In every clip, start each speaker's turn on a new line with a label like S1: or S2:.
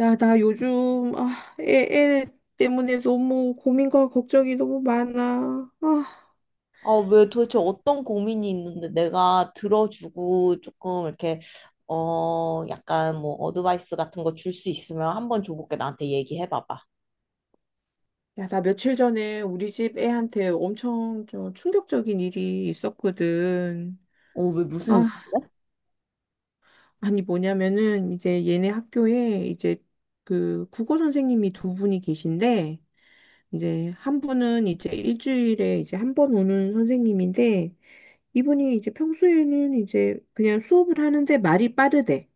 S1: 야, 나 요즘, 애 때문에 너무 고민과 걱정이 너무 많아.
S2: 아, 왜 도대체 어떤 고민이 있는데 내가 들어주고 조금 이렇게, 약간 뭐 어드바이스 같은 거 줄 수 있으면 한번 줘볼게. 나한테 얘기해봐봐.
S1: 야, 나 며칠 전에 우리 집 애한테 엄청 좀 충격적인 일이 있었거든.
S2: 어, 왜 무슨,
S1: 아, 아니 뭐냐면은 이제 얘네 학교에 이제 그 국어 선생님이 두 분이 계신데, 이제 한 분은 이제 일주일에 이제 한 번 오는 선생님인데, 이분이 이제 평소에는 이제 그냥 수업을 하는데 말이 빠르대.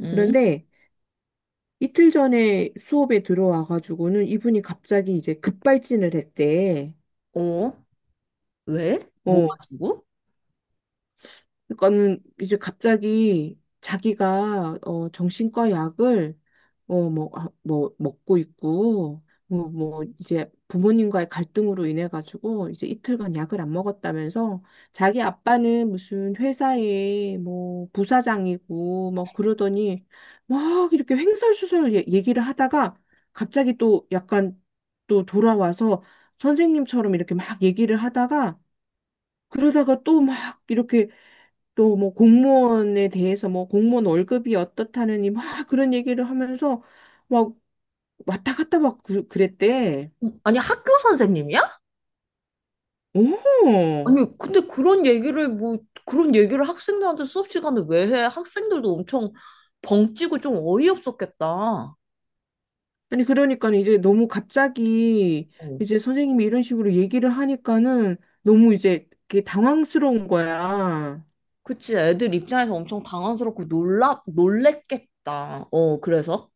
S2: 응?
S1: 그런데 이틀 전에 수업에 들어와가지고는 이분이 갑자기 이제 급발진을 했대.
S2: 어? 왜? 뭐가
S1: 어,
S2: 주고?
S1: 그러니까는 이제 갑자기 자기가 정신과 약을 어뭐뭐 먹고 있고 이제 부모님과의 갈등으로 인해 가지고 이제 이틀간 약을 안 먹었다면서 자기 아빠는 무슨 회사의 뭐 부사장이고 막 그러더니 막 이렇게 횡설수설 얘기를 하다가 갑자기 또 약간 또 돌아와서 선생님처럼 이렇게 막 얘기를 하다가 그러다가 또 막 이렇게 또 뭐 공무원에 대해서 뭐 공무원 월급이 어떻다느니 막 그런 얘기를 하면서 막 왔다 갔다 막 그랬대.
S2: 아니, 학교 선생님이야?
S1: 오!
S2: 아니, 근데 뭐, 그런 얘기를 학생들한테 수업 시간에 왜 해? 학생들도 엄청 벙찌고 좀 어이없었겠다. 어.
S1: 아니 그러니까 는 이제 너무 갑자기 이제 선생님이 이런 식으로 얘기를 하니까는 너무 이제 그게 당황스러운 거야.
S2: 그치, 애들 입장에서 엄청 당황스럽고 놀랬겠다. 어, 그래서?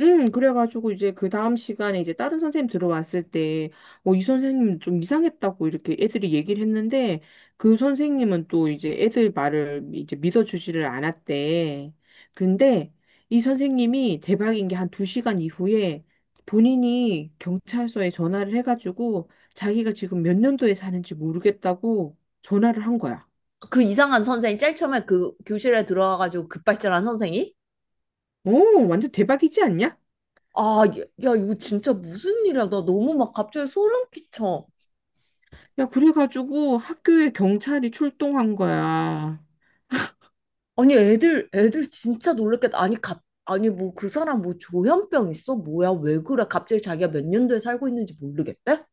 S1: 그래가지고 이제 그 다음 시간에 이제 다른 선생님 들어왔을 때, 이 선생님 좀 이상했다고 이렇게 애들이 얘기를 했는데, 그 선생님은 또 이제 애들 말을 이제 믿어주지를 않았대. 근데 이 선생님이 대박인 게 한 두 시간 이후에 본인이 경찰서에 전화를 해가지고 자기가 지금 몇 년도에 사는지 모르겠다고 전화를 한 거야.
S2: 그 이상한 선생이 제일 처음에 그 교실에 들어와가지고 급발진한 선생이.
S1: 오, 완전 대박이지 않냐?
S2: 아, 야, 야, 이거 진짜 무슨 일이야. 나 너무 막 갑자기 소름 끼쳐.
S1: 야, 그래가지고 학교에 경찰이 출동한 거야.
S2: 아니, 애들 진짜 놀랬겠다. 아니, 아니, 뭐, 그 사람 뭐 조현병 있어? 뭐야, 왜 그래? 갑자기 자기가 몇 년도에 살고 있는지 모르겠대?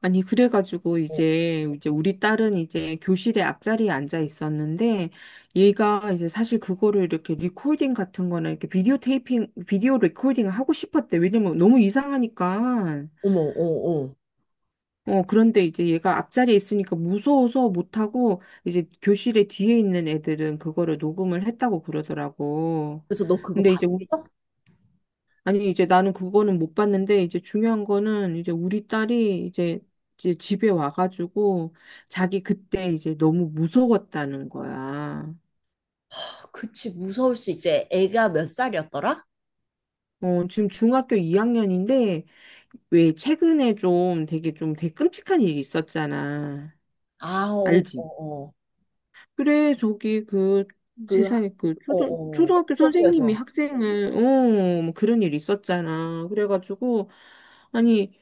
S1: 아니, 그래가지고
S2: 어,
S1: 이제 우리 딸은 이제 교실에 앞자리에 앉아 있었는데, 얘가 이제 사실 그거를 이렇게 리코딩 같은 거나 이렇게 비디오 테이핑, 비디오 리코딩을 하고 싶었대. 왜냐면 너무 이상하니까.
S2: 어머, 어, 어.
S1: 그런데 이제 얘가 앞자리에 있으니까 무서워서 못하고, 이제 교실에 뒤에 있는 애들은 그거를 녹음을 했다고 그러더라고.
S2: 그래서 너 그거
S1: 근데 이제 우리
S2: 봤어?
S1: 아니, 이제 나는 그거는 못 봤는데, 이제 중요한 거는 이제 우리 딸이 이제, 이제 집에 와가지고 자기 그때 이제 너무 무서웠다는 거야.
S2: 아, 그치, 무서울 수 있지. 애가 몇 살이었더라?
S1: 지금 중학교 2학년인데, 왜 최근에 좀 되게 끔찍한 일이 있었잖아.
S2: 아, 어,
S1: 알지?
S2: 어, 어.
S1: 그래, 저기 그
S2: 그,
S1: 세상에 그
S2: 어, 어.
S1: 초등학교 선생님이
S2: 학교에서.
S1: 학생을, 뭐 그런 일 있었잖아. 그래가지고, 아니,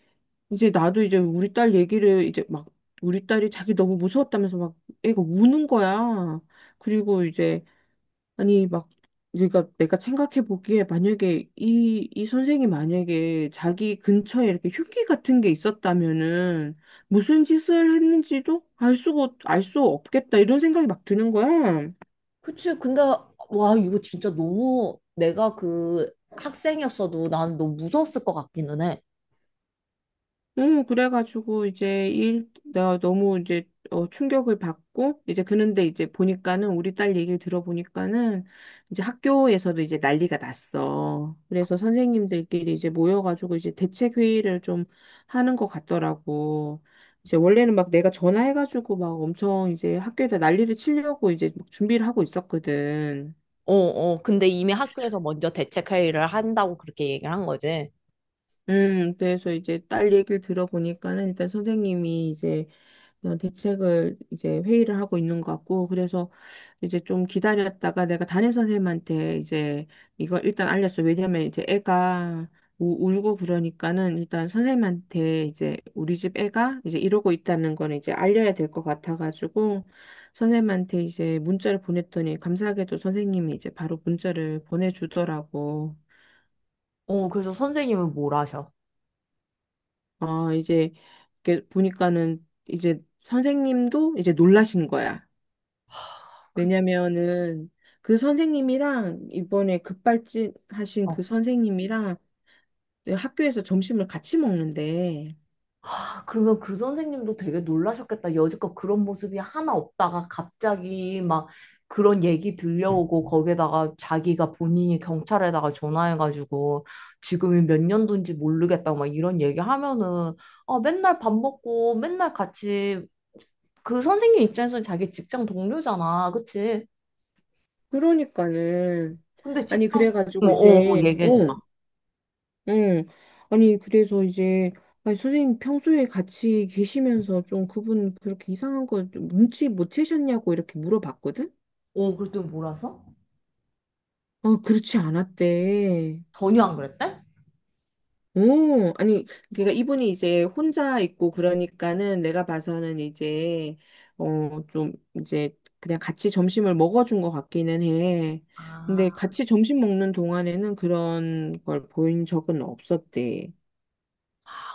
S1: 이제 나도 이제 우리 딸 얘기를 이제 막 우리 딸이 자기 너무 무서웠다면서 막 애가 우는 거야. 그리고 이제 아니 막 그러니까 내가 생각해 보기에 만약에 이 선생이 만약에 자기 근처에 이렇게 흉기 같은 게 있었다면은 무슨 짓을 했는지도 알 수 없겠다 이런 생각이 막 드는 거야.
S2: 그치. 근데, 와, 이거 진짜 너무 내가 그 학생이었어도 난 너무 무서웠을 것 같기는 해.
S1: 응, 그래가지고 이제 나 너무 이제 충격을 받고 이제 그런데 이제 보니까는 우리 딸 얘기를 들어보니까는 이제 학교에서도 이제 난리가 났어. 그래서 선생님들끼리 이제 모여가지고 이제 대책 회의를 좀 하는 것 같더라고. 이제 원래는 막 내가 전화해가지고 막 엄청 이제 학교에다 난리를 치려고 이제 막 준비를 하고 있었거든.
S2: 어, 어. 근데 이미 학교에서 먼저 대책 회의를 한다고 그렇게 얘기를 한 거지.
S1: 그래서 이제 딸 얘기를 들어보니까는 일단 선생님이 이제 그런 대책을 이제 회의를 하고 있는 것 같고, 그래서 이제 좀 기다렸다가 내가 담임 선생님한테 이제 이걸 일단 알렸어. 왜냐면 이제 애가 울고 그러니까는 일단 선생님한테 이제 우리 집 애가 이제 이러고 있다는 건 이제 알려야 될 것 같아가지고, 선생님한테 이제 문자를 보냈더니 감사하게도 선생님이 이제 바로 문자를 보내주더라고.
S2: 어, 그래서 선생님은 뭘 하셔?
S1: 이제 이렇게 보니까는 이제 선생님도 이제 놀라신 거야.
S2: 그,
S1: 왜냐면은 그 선생님이랑 이번에 급발진 하신
S2: 어,
S1: 그 선생님이랑 학교에서 점심을 같이 먹는데
S2: 아, 그러면 그 선생님도 되게 놀라셨겠다. 여지껏 그런 모습이 하나 없다가 갑자기 막 그런 얘기 들려오고 거기에다가 자기가 본인이 경찰에다가 전화해가지고 지금이 몇 년도인지 모르겠다 막 이런 얘기 하면은 아, 맨날 밥 먹고 맨날 같이 그 선생님 입장에서는 자기 직장 동료잖아. 그치?
S1: 그러니까는
S2: 근데
S1: 아니
S2: 직장, 어,
S1: 그래가지고
S2: 어,
S1: 이제
S2: 얘기해줘봐.
S1: 응 응. 아니 그래서 이제 아니 선생님 평소에 같이 계시면서 좀 그분 그렇게 이상한 거좀 눈치 못 채셨냐고 이렇게 물어봤거든?
S2: 어, 그랬더니 뭐라서?
S1: 그렇지 않았대.
S2: 전혀 안 그랬대?
S1: 오, 아니, 그러니까 이분이 이제 혼자 있고 그러니까는 내가 봐서는 이제, 좀 이제 그냥 같이 점심을 먹어준 것 같기는 해. 근데
S2: 아.
S1: 같이 점심 먹는 동안에는 그런 걸 보인 적은 없었대.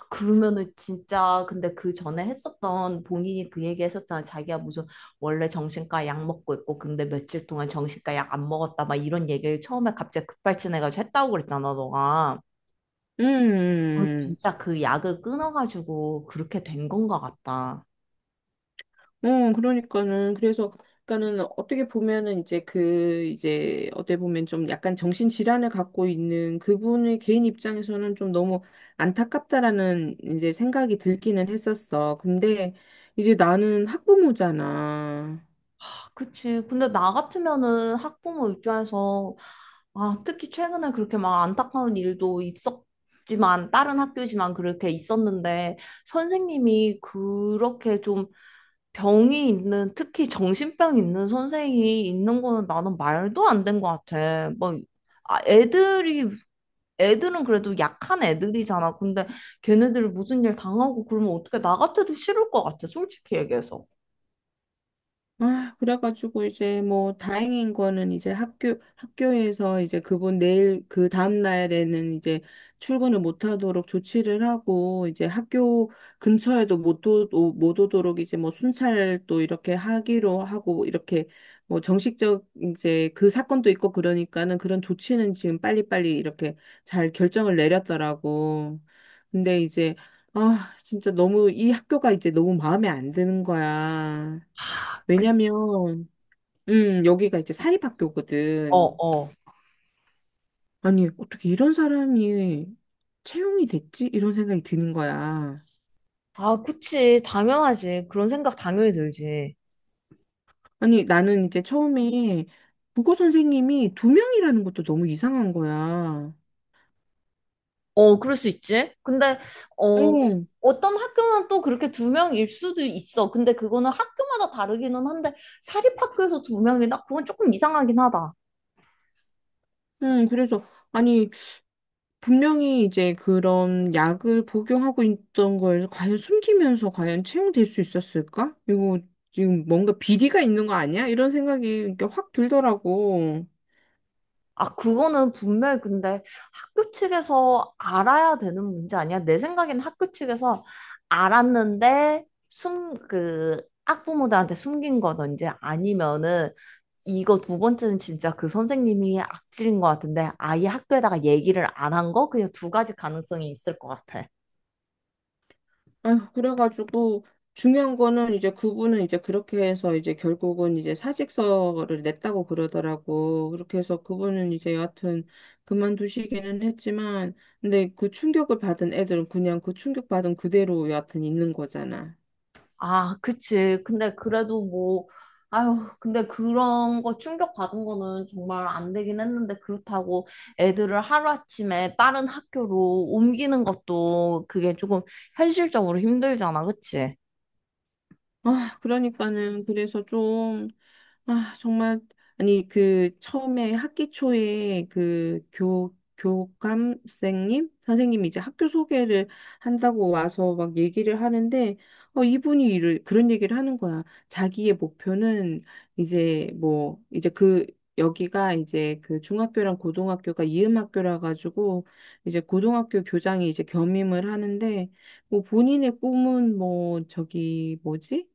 S2: 그러면은 진짜 근데 그 전에 했었던 본인이 그 얘기 했었잖아. 자기가 무슨 원래 정신과 약 먹고 있고 근데 며칠 동안 정신과 약 안 먹었다 막 이런 얘기를 처음에 갑자기 급발진해가지고 했다고 그랬잖아, 너가.
S1: 음, 음,
S2: 어,
S1: 음, 음.
S2: 진짜 그 약을 끊어가지고 그렇게 된 건가 같다.
S1: 그러니까는, 그래서, 그러니까는 어떻게 보면은 이제 이제 어떻게 보면 좀 약간 정신질환을 갖고 있는 그분의 개인 입장에서는 좀 너무 안타깝다라는 이제 생각이 들기는 했었어. 근데 이제 나는 학부모잖아.
S2: 아, 그치. 근데 나 같으면은 학부모 입장에서 아, 특히 최근에 그렇게 막 안타까운 일도 있었지만 다른 학교지만 그렇게 있었는데 선생님이 그렇게 좀 병이 있는, 특히 정신병 있는 선생이 있는 거는 나는 말도 안 된 것 같아. 뭐, 아, 애들은 그래도 약한 애들이잖아. 근데 걔네들이 무슨 일 당하고 그러면 어떻게 나 같아도 싫을 것 같아. 솔직히 얘기해서.
S1: 그래가지고 이제 뭐 다행인 거는 이제 학교에서 이제 그분 그 다음 날에는 이제 출근을 못 하도록 조치를 하고 이제 학교 근처에도 못, 오, 오- 못 오도록 이제 뭐 순찰 또 이렇게 하기로 하고 이렇게 뭐 정식적 이제 그 사건도 있고 그러니까는 그런 조치는 지금 빨리빨리 이렇게 잘 결정을 내렸더라고. 근데 이제 진짜 너무 이 학교가 이제 너무 마음에 안 드는 거야.
S2: 그,
S1: 왜냐면, 여기가 이제
S2: 어,
S1: 사립학교거든.
S2: 어.
S1: 아니, 어떻게 이런 사람이 채용이 됐지? 이런 생각이 드는 거야.
S2: 아, 그치. 당연하지. 그런 생각 당연히 들지.
S1: 아니, 나는 이제 처음에 국어 선생님이 두 명이라는 것도 너무 이상한 거야.
S2: 어, 그럴 수 있지. 근데, 어,
S1: 응,
S2: 어떤 학교는 또 그렇게 두 명일 수도 있어. 근데 그거는 학교마다 다르기는 한데, 사립학교에서 두 명이다? 그건 조금 이상하긴 하다.
S1: 응, 그래서, 아니, 분명히 이제 그런 약을 복용하고 있던 걸 과연 숨기면서 과연 채용될 수 있었을까? 이거 지금 뭔가 비리가 있는 거 아니야? 이런 생각이 이렇게 확 들더라고.
S2: 아, 그거는 분명히 근데 학교 측에서 알아야 되는 문제 아니야? 내 생각엔 학교 측에서 알았는데 학부모들한테 숨긴 거든지 아니면은 이거 두 번째는 진짜 그 선생님이 악질인 것 같은데 아예 학교에다가 얘기를 안 한 거? 그냥 두 가지 가능성이 있을 것 같아.
S1: 아휴, 그래가지고 중요한 거는 이제 그분은 이제 그렇게 해서 이제 결국은 이제 사직서를 냈다고 그러더라고. 그렇게 해서 그분은 이제 여하튼 그만두시기는 했지만, 근데 그 충격을 받은 애들은 그냥 그 충격받은 그대로 여하튼 있는 거잖아.
S2: 아, 그치. 근데 그래도 뭐, 아유, 근데 그런 거 충격받은 거는 정말 안 되긴 했는데, 그렇다고 애들을 하루아침에 다른 학교로 옮기는 것도 그게 조금 현실적으로 힘들잖아, 그치?
S1: 그러니까는 그래서 좀 정말 아니 그 처음에 학기 초에 그 교 교감생님 선생님이 이제 학교 소개를 한다고 와서 막 얘기를 하는데 이분이 이를 그런 얘기를 하는 거야. 자기의 목표는 이제 뭐 이제 그 여기가 이제 그 중학교랑 고등학교가 이음학교라 가지고 이제 고등학교 교장이 이제 겸임을 하는데 뭐 본인의 꿈은 뭐 저기 뭐지?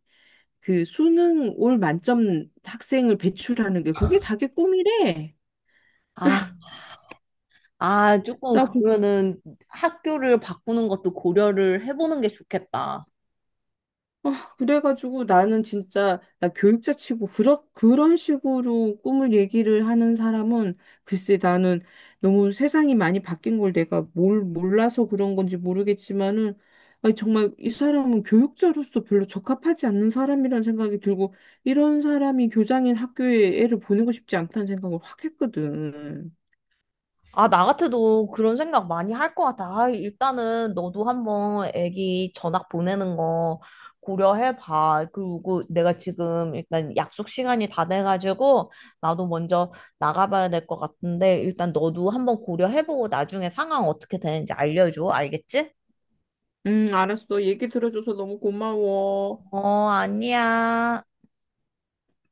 S1: 그 수능 올 만점 학생을 배출하는 게 그게 자기 꿈이래.
S2: 아, 아, 조금
S1: 나 그
S2: 그러면은 학교를 바꾸는 것도 고려를 해보는 게 좋겠다.
S1: 그래가지고 나는 진짜 나 교육자 치고 그런 식으로 꿈을 얘기를 하는 사람은 글쎄 나는 너무 세상이 많이 바뀐 걸 내가 뭘 몰라서 그런 건지 모르겠지만은 아니 정말 이 사람은 교육자로서 별로 적합하지 않는 사람이라는 생각이 들고 이런 사람이 교장인 학교에 애를 보내고 싶지 않다는 생각을 확 했거든.
S2: 아, 나 같아도 그런 생각 많이 할 것 같아. 아, 일단은 너도 한번 애기 전학 보내는 거 고려해봐. 그리고 내가 지금 일단 약속 시간이 다 돼가지고 나도 먼저 나가봐야 될 것 같은데 일단 너도 한번 고려해보고 나중에 상황 어떻게 되는지 알려줘. 알겠지?
S1: 알았어. 얘기 들어줘서 너무 고마워.
S2: 어, 아니야.